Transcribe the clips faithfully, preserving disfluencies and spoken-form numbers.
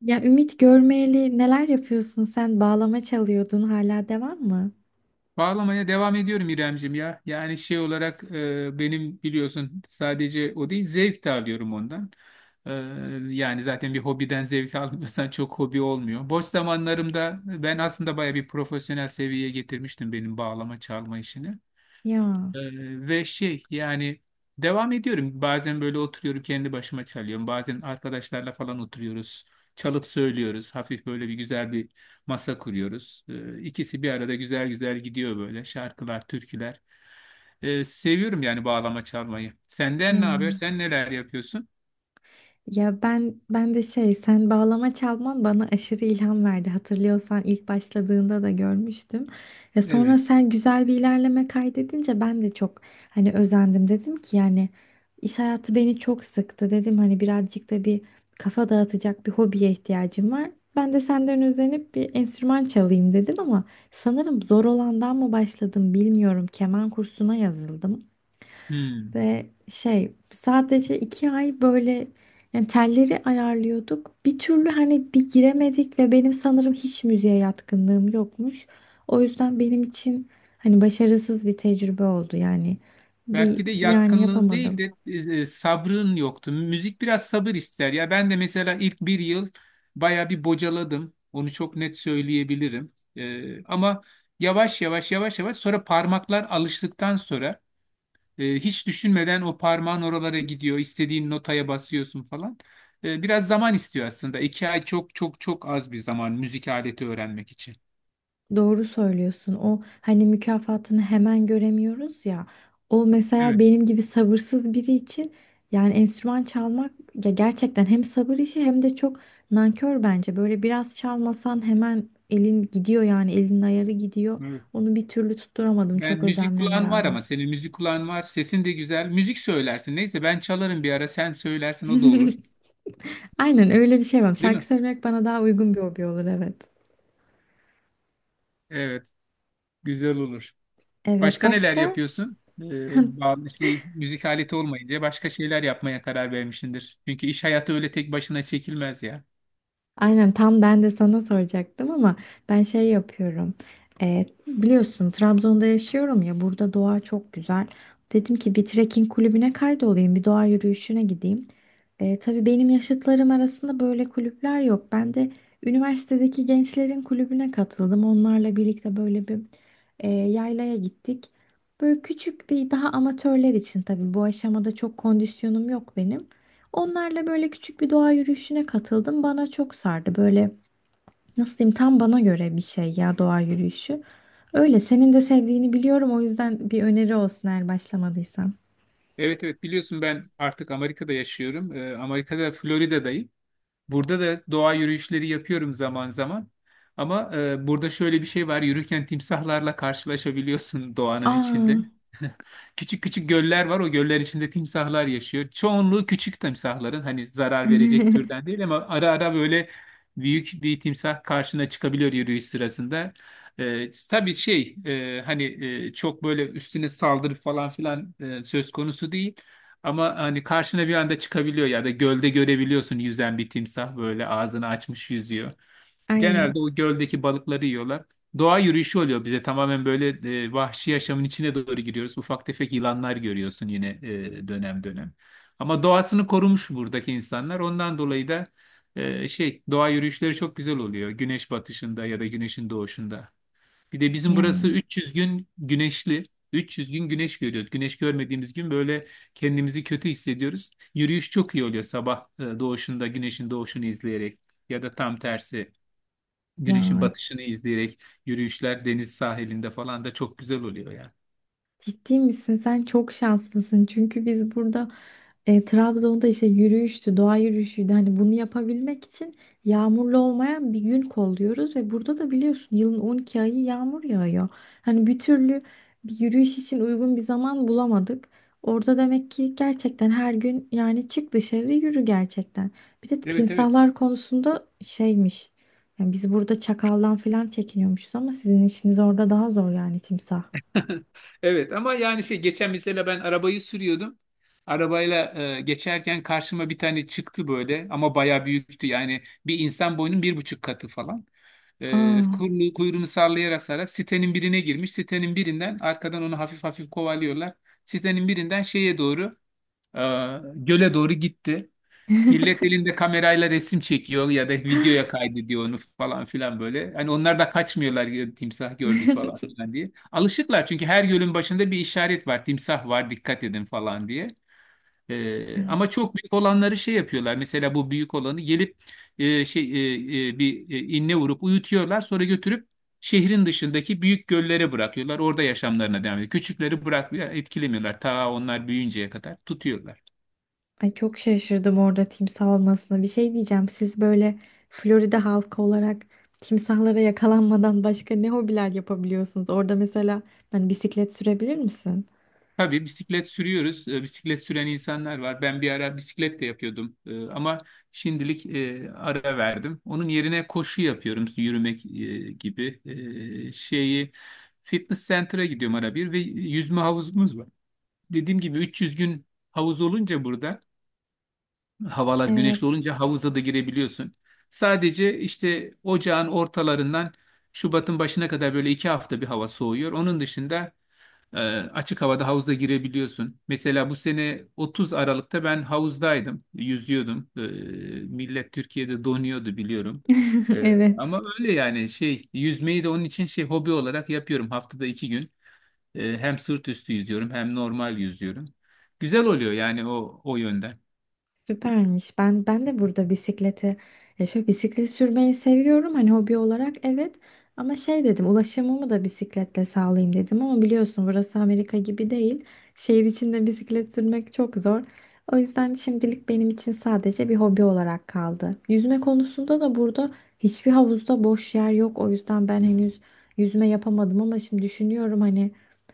Ya Ümit görmeyeli neler yapıyorsun sen? Bağlama çalıyordun hala devam mı? Bağlamaya devam ediyorum İremcim ya. Yani şey olarak e, benim biliyorsun sadece o değil zevk de alıyorum ondan. E, Yani zaten bir hobiden zevk almıyorsan çok hobi olmuyor. Boş zamanlarımda ben aslında baya bir profesyonel seviyeye getirmiştim benim bağlama çalma işini. Ya, Ee, ve şey yani devam ediyorum. Bazen böyle oturuyorum kendi başıma çalıyorum. Bazen arkadaşlarla falan oturuyoruz. Çalıp söylüyoruz. Hafif böyle bir güzel bir masa kuruyoruz. Ee, ikisi bir arada güzel güzel gidiyor böyle. Şarkılar, türküler. Ee, seviyorum yani bağlama çalmayı. Senden ne haber? ya. Sen neler yapıyorsun? Ya ben ben de şey sen bağlama çalman bana aşırı ilham verdi. Hatırlıyorsan ilk başladığında da görmüştüm. Ya sonra Evet. sen güzel bir ilerleme kaydedince ben de çok hani özendim, dedim ki yani iş hayatı beni çok sıktı, dedim hani birazcık da bir kafa dağıtacak bir hobiye ihtiyacım var. Ben de senden özenip bir enstrüman çalayım dedim ama sanırım zor olandan mı başladım bilmiyorum. Keman kursuna yazıldım. Hmm. Ve şey sadece iki ay böyle yani telleri ayarlıyorduk. Bir türlü hani bir giremedik ve benim sanırım hiç müziğe yatkınlığım yokmuş. O yüzden benim için hani başarısız bir tecrübe oldu yani. Bir Belki de yani yatkınlığın değil yapamadım. de e, sabrın yoktu. Müzik biraz sabır ister. Ya ben de mesela ilk bir yıl baya bir bocaladım. Onu çok net söyleyebilirim. E, ama yavaş yavaş yavaş yavaş sonra parmaklar alıştıktan sonra e, hiç düşünmeden o parmağın oralara gidiyor. İstediğin notaya basıyorsun falan. E, biraz zaman istiyor aslında. iki ay çok çok çok az bir zaman müzik aleti öğrenmek için. Doğru söylüyorsun. O hani mükafatını hemen göremiyoruz ya. O mesela Evet, benim gibi sabırsız biri için yani enstrüman çalmak ya gerçekten hem sabır işi hem de çok nankör bence. Böyle biraz çalmasan hemen elin gidiyor yani elin ayarı gidiyor. evet. Onu bir türlü tutturamadım Ben çok müzik özenmeme kulağın var rağmen. ama senin müzik kulağın var. Sesin de güzel. Müzik söylersin. Neyse ben çalarım bir ara. Sen söylersin o da olur. Aynen öyle bir şey var. Değil Şarkı mi? söylemek bana daha uygun bir hobi olur, evet. Evet. Güzel olur. Evet, Başka neler başka? yapıyorsun? Ee, bağlı şey müzik aleti olmayınca başka şeyler yapmaya karar vermişsindir. Çünkü iş hayatı öyle tek başına çekilmez ya. Aynen, tam ben de sana soracaktım ama ben şey yapıyorum. E, biliyorsun Trabzon'da yaşıyorum ya, burada doğa çok güzel. Dedim ki bir trekking kulübüne kaydolayım, bir doğa yürüyüşüne gideyim. E, tabii benim yaşıtlarım arasında böyle kulüpler yok. Ben de üniversitedeki gençlerin kulübüne katıldım. Onlarla birlikte böyle bir e, yaylaya gittik. Böyle küçük bir daha, amatörler için tabii, bu aşamada çok kondisyonum yok benim. Onlarla böyle küçük bir doğa yürüyüşüne katıldım. Bana çok sardı. Böyle nasıl diyeyim, tam bana göre bir şey ya doğa yürüyüşü. Öyle senin de sevdiğini biliyorum. O yüzden bir öneri olsun eğer başlamadıysan. Evet evet biliyorsun ben artık Amerika'da yaşıyorum. Ee, Amerika'da Florida'dayım. Burada da doğa yürüyüşleri yapıyorum zaman zaman. Ama e, burada şöyle bir şey var. Yürürken timsahlarla karşılaşabiliyorsun doğanın Aa. içinde. Küçük küçük göller var. O göller içinde timsahlar yaşıyor. Çoğunluğu küçük timsahların hani zarar verecek türden değil ama ara ara böyle büyük bir timsah karşına çıkabiliyor yürüyüş sırasında. E, tabii şey e, hani e, çok böyle üstüne saldırı falan filan e, söz konusu değil. Ama hani karşına bir anda çıkabiliyor ya da gölde görebiliyorsun yüzen bir timsah böyle ağzını açmış yüzüyor. Ay, Genelde o göldeki balıkları yiyorlar. Doğa yürüyüşü oluyor bize tamamen böyle e, vahşi yaşamın içine doğru giriyoruz. Ufak tefek yılanlar görüyorsun yine e, dönem dönem. Ama doğasını korumuş buradaki insanlar. Ondan dolayı da e, şey doğa yürüyüşleri çok güzel oluyor. Güneş batışında ya da güneşin doğuşunda. Bir de bizim ya, burası üç yüz gün güneşli. üç yüz gün güneş görüyoruz. Güneş görmediğimiz gün böyle kendimizi kötü hissediyoruz. Yürüyüş çok iyi oluyor sabah e, doğuşunda güneşin doğuşunu izleyerek ya da tam tersi ya, güneşin batışını izleyerek yürüyüşler deniz sahilinde falan da çok güzel oluyor yani. ciddi misin? Sen çok şanslısın. Çünkü biz burada E, Trabzon'da işte yürüyüştü, doğa yürüyüşüydü. Hani bunu yapabilmek için yağmurlu olmayan bir gün kolluyoruz ve burada da biliyorsun yılın on iki ayı yağmur yağıyor. Hani bir türlü bir yürüyüş için uygun bir zaman bulamadık. Orada demek ki gerçekten her gün yani, çık dışarı yürü gerçekten. Bir de Evet evet. timsahlar konusunda şeymiş. Yani biz burada çakaldan falan çekiniyormuşuz ama sizin işiniz orada daha zor, yani timsah. Evet ama yani şey geçen mesela ben arabayı sürüyordum. Arabayla e, geçerken karşıma bir tane çıktı böyle ama bayağı büyüktü. Yani bir insan boyunun bir buçuk katı falan. E, Aa. kuyruğu, kuyruğunu sallayarak sallayarak sitenin birine girmiş. Sitenin birinden arkadan onu hafif hafif kovalıyorlar. Sitenin birinden şeye doğru e, göle doğru gitti. Millet elinde kamerayla resim çekiyor ya da videoya kaydediyor onu falan filan böyle. Hani onlar da kaçmıyorlar ya, timsah gördük falan filan diye. Alışıklar çünkü her gölün başında bir işaret var. Timsah var dikkat edin falan diye. Ee, ama çok büyük olanları şey yapıyorlar. Mesela bu büyük olanı gelip e, şey e, e, bir e, inne vurup uyutuyorlar. Sonra götürüp şehrin dışındaki büyük göllere bırakıyorlar. Orada yaşamlarına devam ediyor. Küçükleri bırakmıyor, etkilemiyorlar. Ta onlar büyüyünceye kadar tutuyorlar. Ay, çok şaşırdım orada timsah olmasına. Bir şey diyeceğim. Siz böyle Florida halkı olarak timsahlara yakalanmadan başka ne hobiler yapabiliyorsunuz? Orada mesela hani bisiklet sürebilir misin? Tabii bisiklet sürüyoruz. E, Bisiklet süren insanlar var. Ben bir ara bisiklet de yapıyordum. E, Ama şimdilik e, ara verdim. Onun yerine koşu yapıyorum. İşte yürümek e, gibi E, şeyi fitness center'a gidiyorum ara bir ve yüzme havuzumuz var. Dediğim gibi üç yüz gün havuz olunca burada havalar güneşli Evet. olunca havuza da girebiliyorsun. Sadece işte ocağın ortalarından Şubat'ın başına kadar böyle iki hafta bir hava soğuyor. Onun dışında ee, açık havada havuza girebiliyorsun. Mesela bu sene otuz Aralık'ta ben havuzdaydım, yüzüyordum. Ee, millet Türkiye'de donuyordu biliyorum. Ee, Evet. ama öyle yani şey yüzmeyi de onun için şey hobi olarak yapıyorum haftada iki gün. Ee, hem sırt üstü yüzüyorum hem normal yüzüyorum. Güzel oluyor yani o o yönden. Süpermiş. Ben ben de burada bisikleti, ya şöyle, bisiklet sürmeyi seviyorum hani hobi olarak, evet ama şey dedim ulaşımımı da bisikletle sağlayayım dedim ama biliyorsun burası Amerika gibi değil. Şehir içinde bisiklet sürmek çok zor. O yüzden şimdilik benim için sadece bir hobi olarak kaldı. Yüzme konusunda da burada hiçbir havuzda boş yer yok. O yüzden ben henüz yüzme yapamadım ama şimdi düşünüyorum hani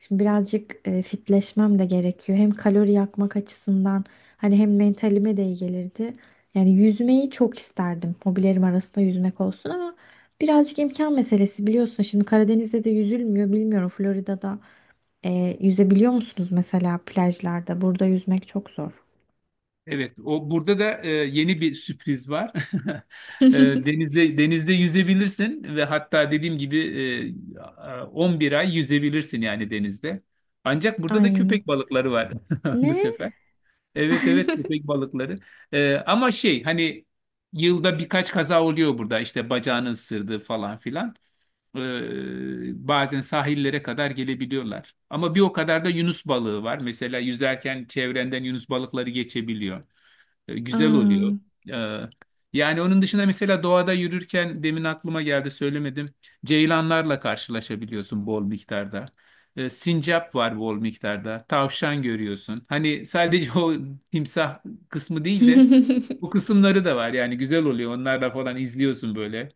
şimdi birazcık e, fitleşmem de gerekiyor. Hem kalori yakmak açısından hani, hem mentalime de iyi gelirdi. Yani yüzmeyi çok isterdim. Hobilerim arasında yüzmek olsun ama birazcık imkan meselesi biliyorsun. Şimdi Karadeniz'de de yüzülmüyor. Bilmiyorum, Florida'da e, yüzebiliyor musunuz mesela plajlarda? Burada yüzmek çok zor. Evet, o burada da e, yeni bir sürpriz var. E, denizde denizde yüzebilirsin ve hatta dediğim gibi e, a- on bir ay yüzebilirsin yani denizde. Ancak burada da Ay, köpek balıkları var bu ne? sefer. Evet evet köpek balıkları. E, ama şey hani yılda birkaç kaza oluyor burada işte bacağını ısırdı falan filan. E, bazen sahillere kadar gelebiliyorlar. Ama bir o kadar da yunus balığı var. Mesela yüzerken çevrenden yunus balıkları geçebiliyor. E, Güzel Aa. oluyor. E, Yani onun dışında mesela doğada yürürken demin aklıma geldi söylemedim. Ceylanlarla karşılaşabiliyorsun bol miktarda. E, Sincap var bol miktarda. Tavşan görüyorsun. Hani sadece o timsah kısmı değil de bu kısımları da var. Yani güzel oluyor. Onlarla falan izliyorsun böyle.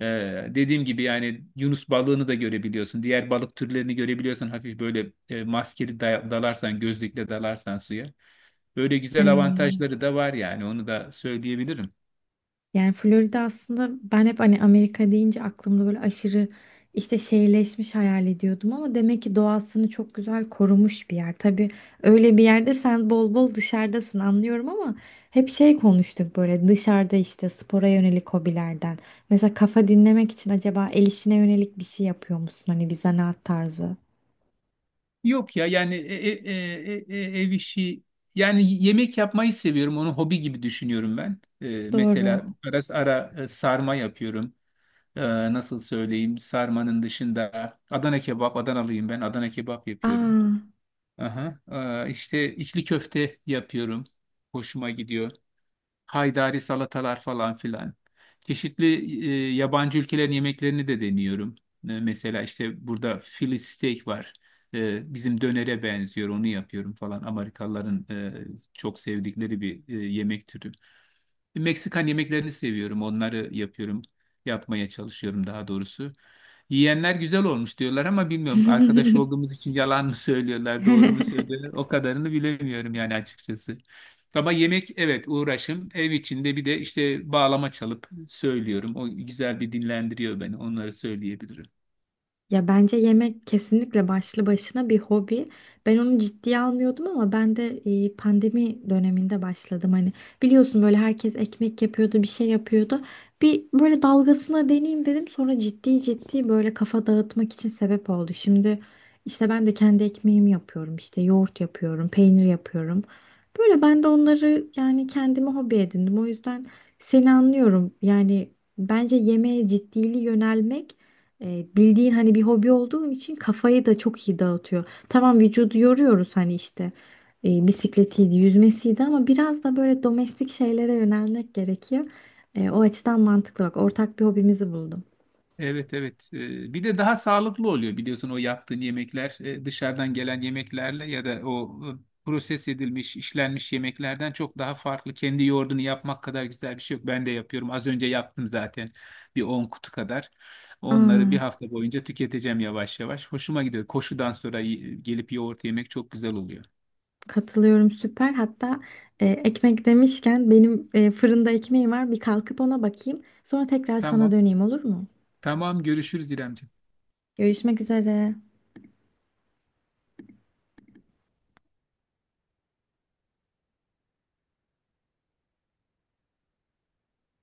E, Dediğim gibi yani Yunus balığını da görebiliyorsun. Diğer balık türlerini görebiliyorsun. Hafif böyle e, maskeli da- dalarsan, gözlükle dalarsan suya. Böyle güzel Ay. avantajları da var yani onu da söyleyebilirim. Yani Florida, aslında ben hep hani Amerika deyince aklımda böyle aşırı işte şehirleşmiş hayal ediyordum ama demek ki doğasını çok güzel korumuş bir yer. Tabii öyle bir yerde sen bol bol dışarıdasın anlıyorum ama hep şey konuştuk böyle dışarıda işte spora yönelik hobilerden. Mesela kafa dinlemek için acaba el işine yönelik bir şey yapıyor musun? Hani bir zanaat tarzı. Yok ya yani e- e- e- e- e- ev işi yani yemek yapmayı seviyorum. Onu hobi gibi düşünüyorum ben. Ee, Doğru. mesela ara ara e, sarma yapıyorum. Ee, nasıl söyleyeyim sarmanın dışında Adana kebap Adanalıyım ben Adana kebap yapıyorum. Aa. Aha. Ee, işte içli köfte yapıyorum. Hoşuma gidiyor. Haydari salatalar falan filan. Çeşitli e, yabancı ülkelerin yemeklerini de deniyorum. E, mesela işte burada Philly steak var. E, bizim dönere benziyor, onu yapıyorum falan. Amerikalıların e, çok sevdikleri bir e, yemek türü. E, Meksikan yemeklerini seviyorum, onları yapıyorum, yapmaya çalışıyorum daha doğrusu. Yiyenler güzel olmuş diyorlar ama bilmiyorum arkadaş olduğumuz için yalan mı söylüyorlar, doğru mu söylüyorlar? O kadarını bilemiyorum yani açıkçası. Ama yemek evet uğraşım. Ev içinde bir de işte bağlama çalıp söylüyorum. O güzel bir dinlendiriyor beni. Onları söyleyebilirim. Ya bence yemek kesinlikle başlı başına bir hobi. Ben onu ciddiye almıyordum ama ben de e, pandemi döneminde başladım. Hani biliyorsun böyle herkes ekmek yapıyordu, bir şey yapıyordu. Bir böyle dalgasına deneyeyim dedim. Sonra ciddi ciddi böyle kafa dağıtmak için sebep oldu. Şimdi işte ben de kendi ekmeğimi yapıyorum. İşte yoğurt yapıyorum, peynir yapıyorum. Böyle ben de onları yani kendime hobi edindim. O yüzden seni anlıyorum. Yani bence yemeğe ciddili yönelmek e, bildiğin hani bir hobi olduğun için kafayı da çok iyi dağıtıyor. Tamam, vücudu yoruyoruz hani işte e, bisikletiydi, yüzmesiydi ama biraz da böyle domestik şeylere yönelmek gerekiyor. E, o açıdan mantıklı, bak ortak bir hobimizi buldum. Evet evet. Ee, bir de daha sağlıklı oluyor biliyorsun o yaptığın yemekler e, dışarıdan gelen yemeklerle ya da o e, proses edilmiş, işlenmiş yemeklerden çok daha farklı. Kendi yoğurdunu yapmak kadar güzel bir şey yok. Ben de yapıyorum. Az önce yaptım zaten bir on kutu kadar. Onları bir Aa, hafta boyunca tüketeceğim yavaş yavaş. Hoşuma gidiyor. Koşudan sonra y- gelip yoğurt yemek çok güzel oluyor. katılıyorum, süper. Hatta e, ekmek demişken benim e, fırında ekmeğim var, bir kalkıp ona bakayım. Sonra tekrar sana Tamam. döneyim, olur mu? Tamam görüşürüz İremciğim. Görüşmek üzere.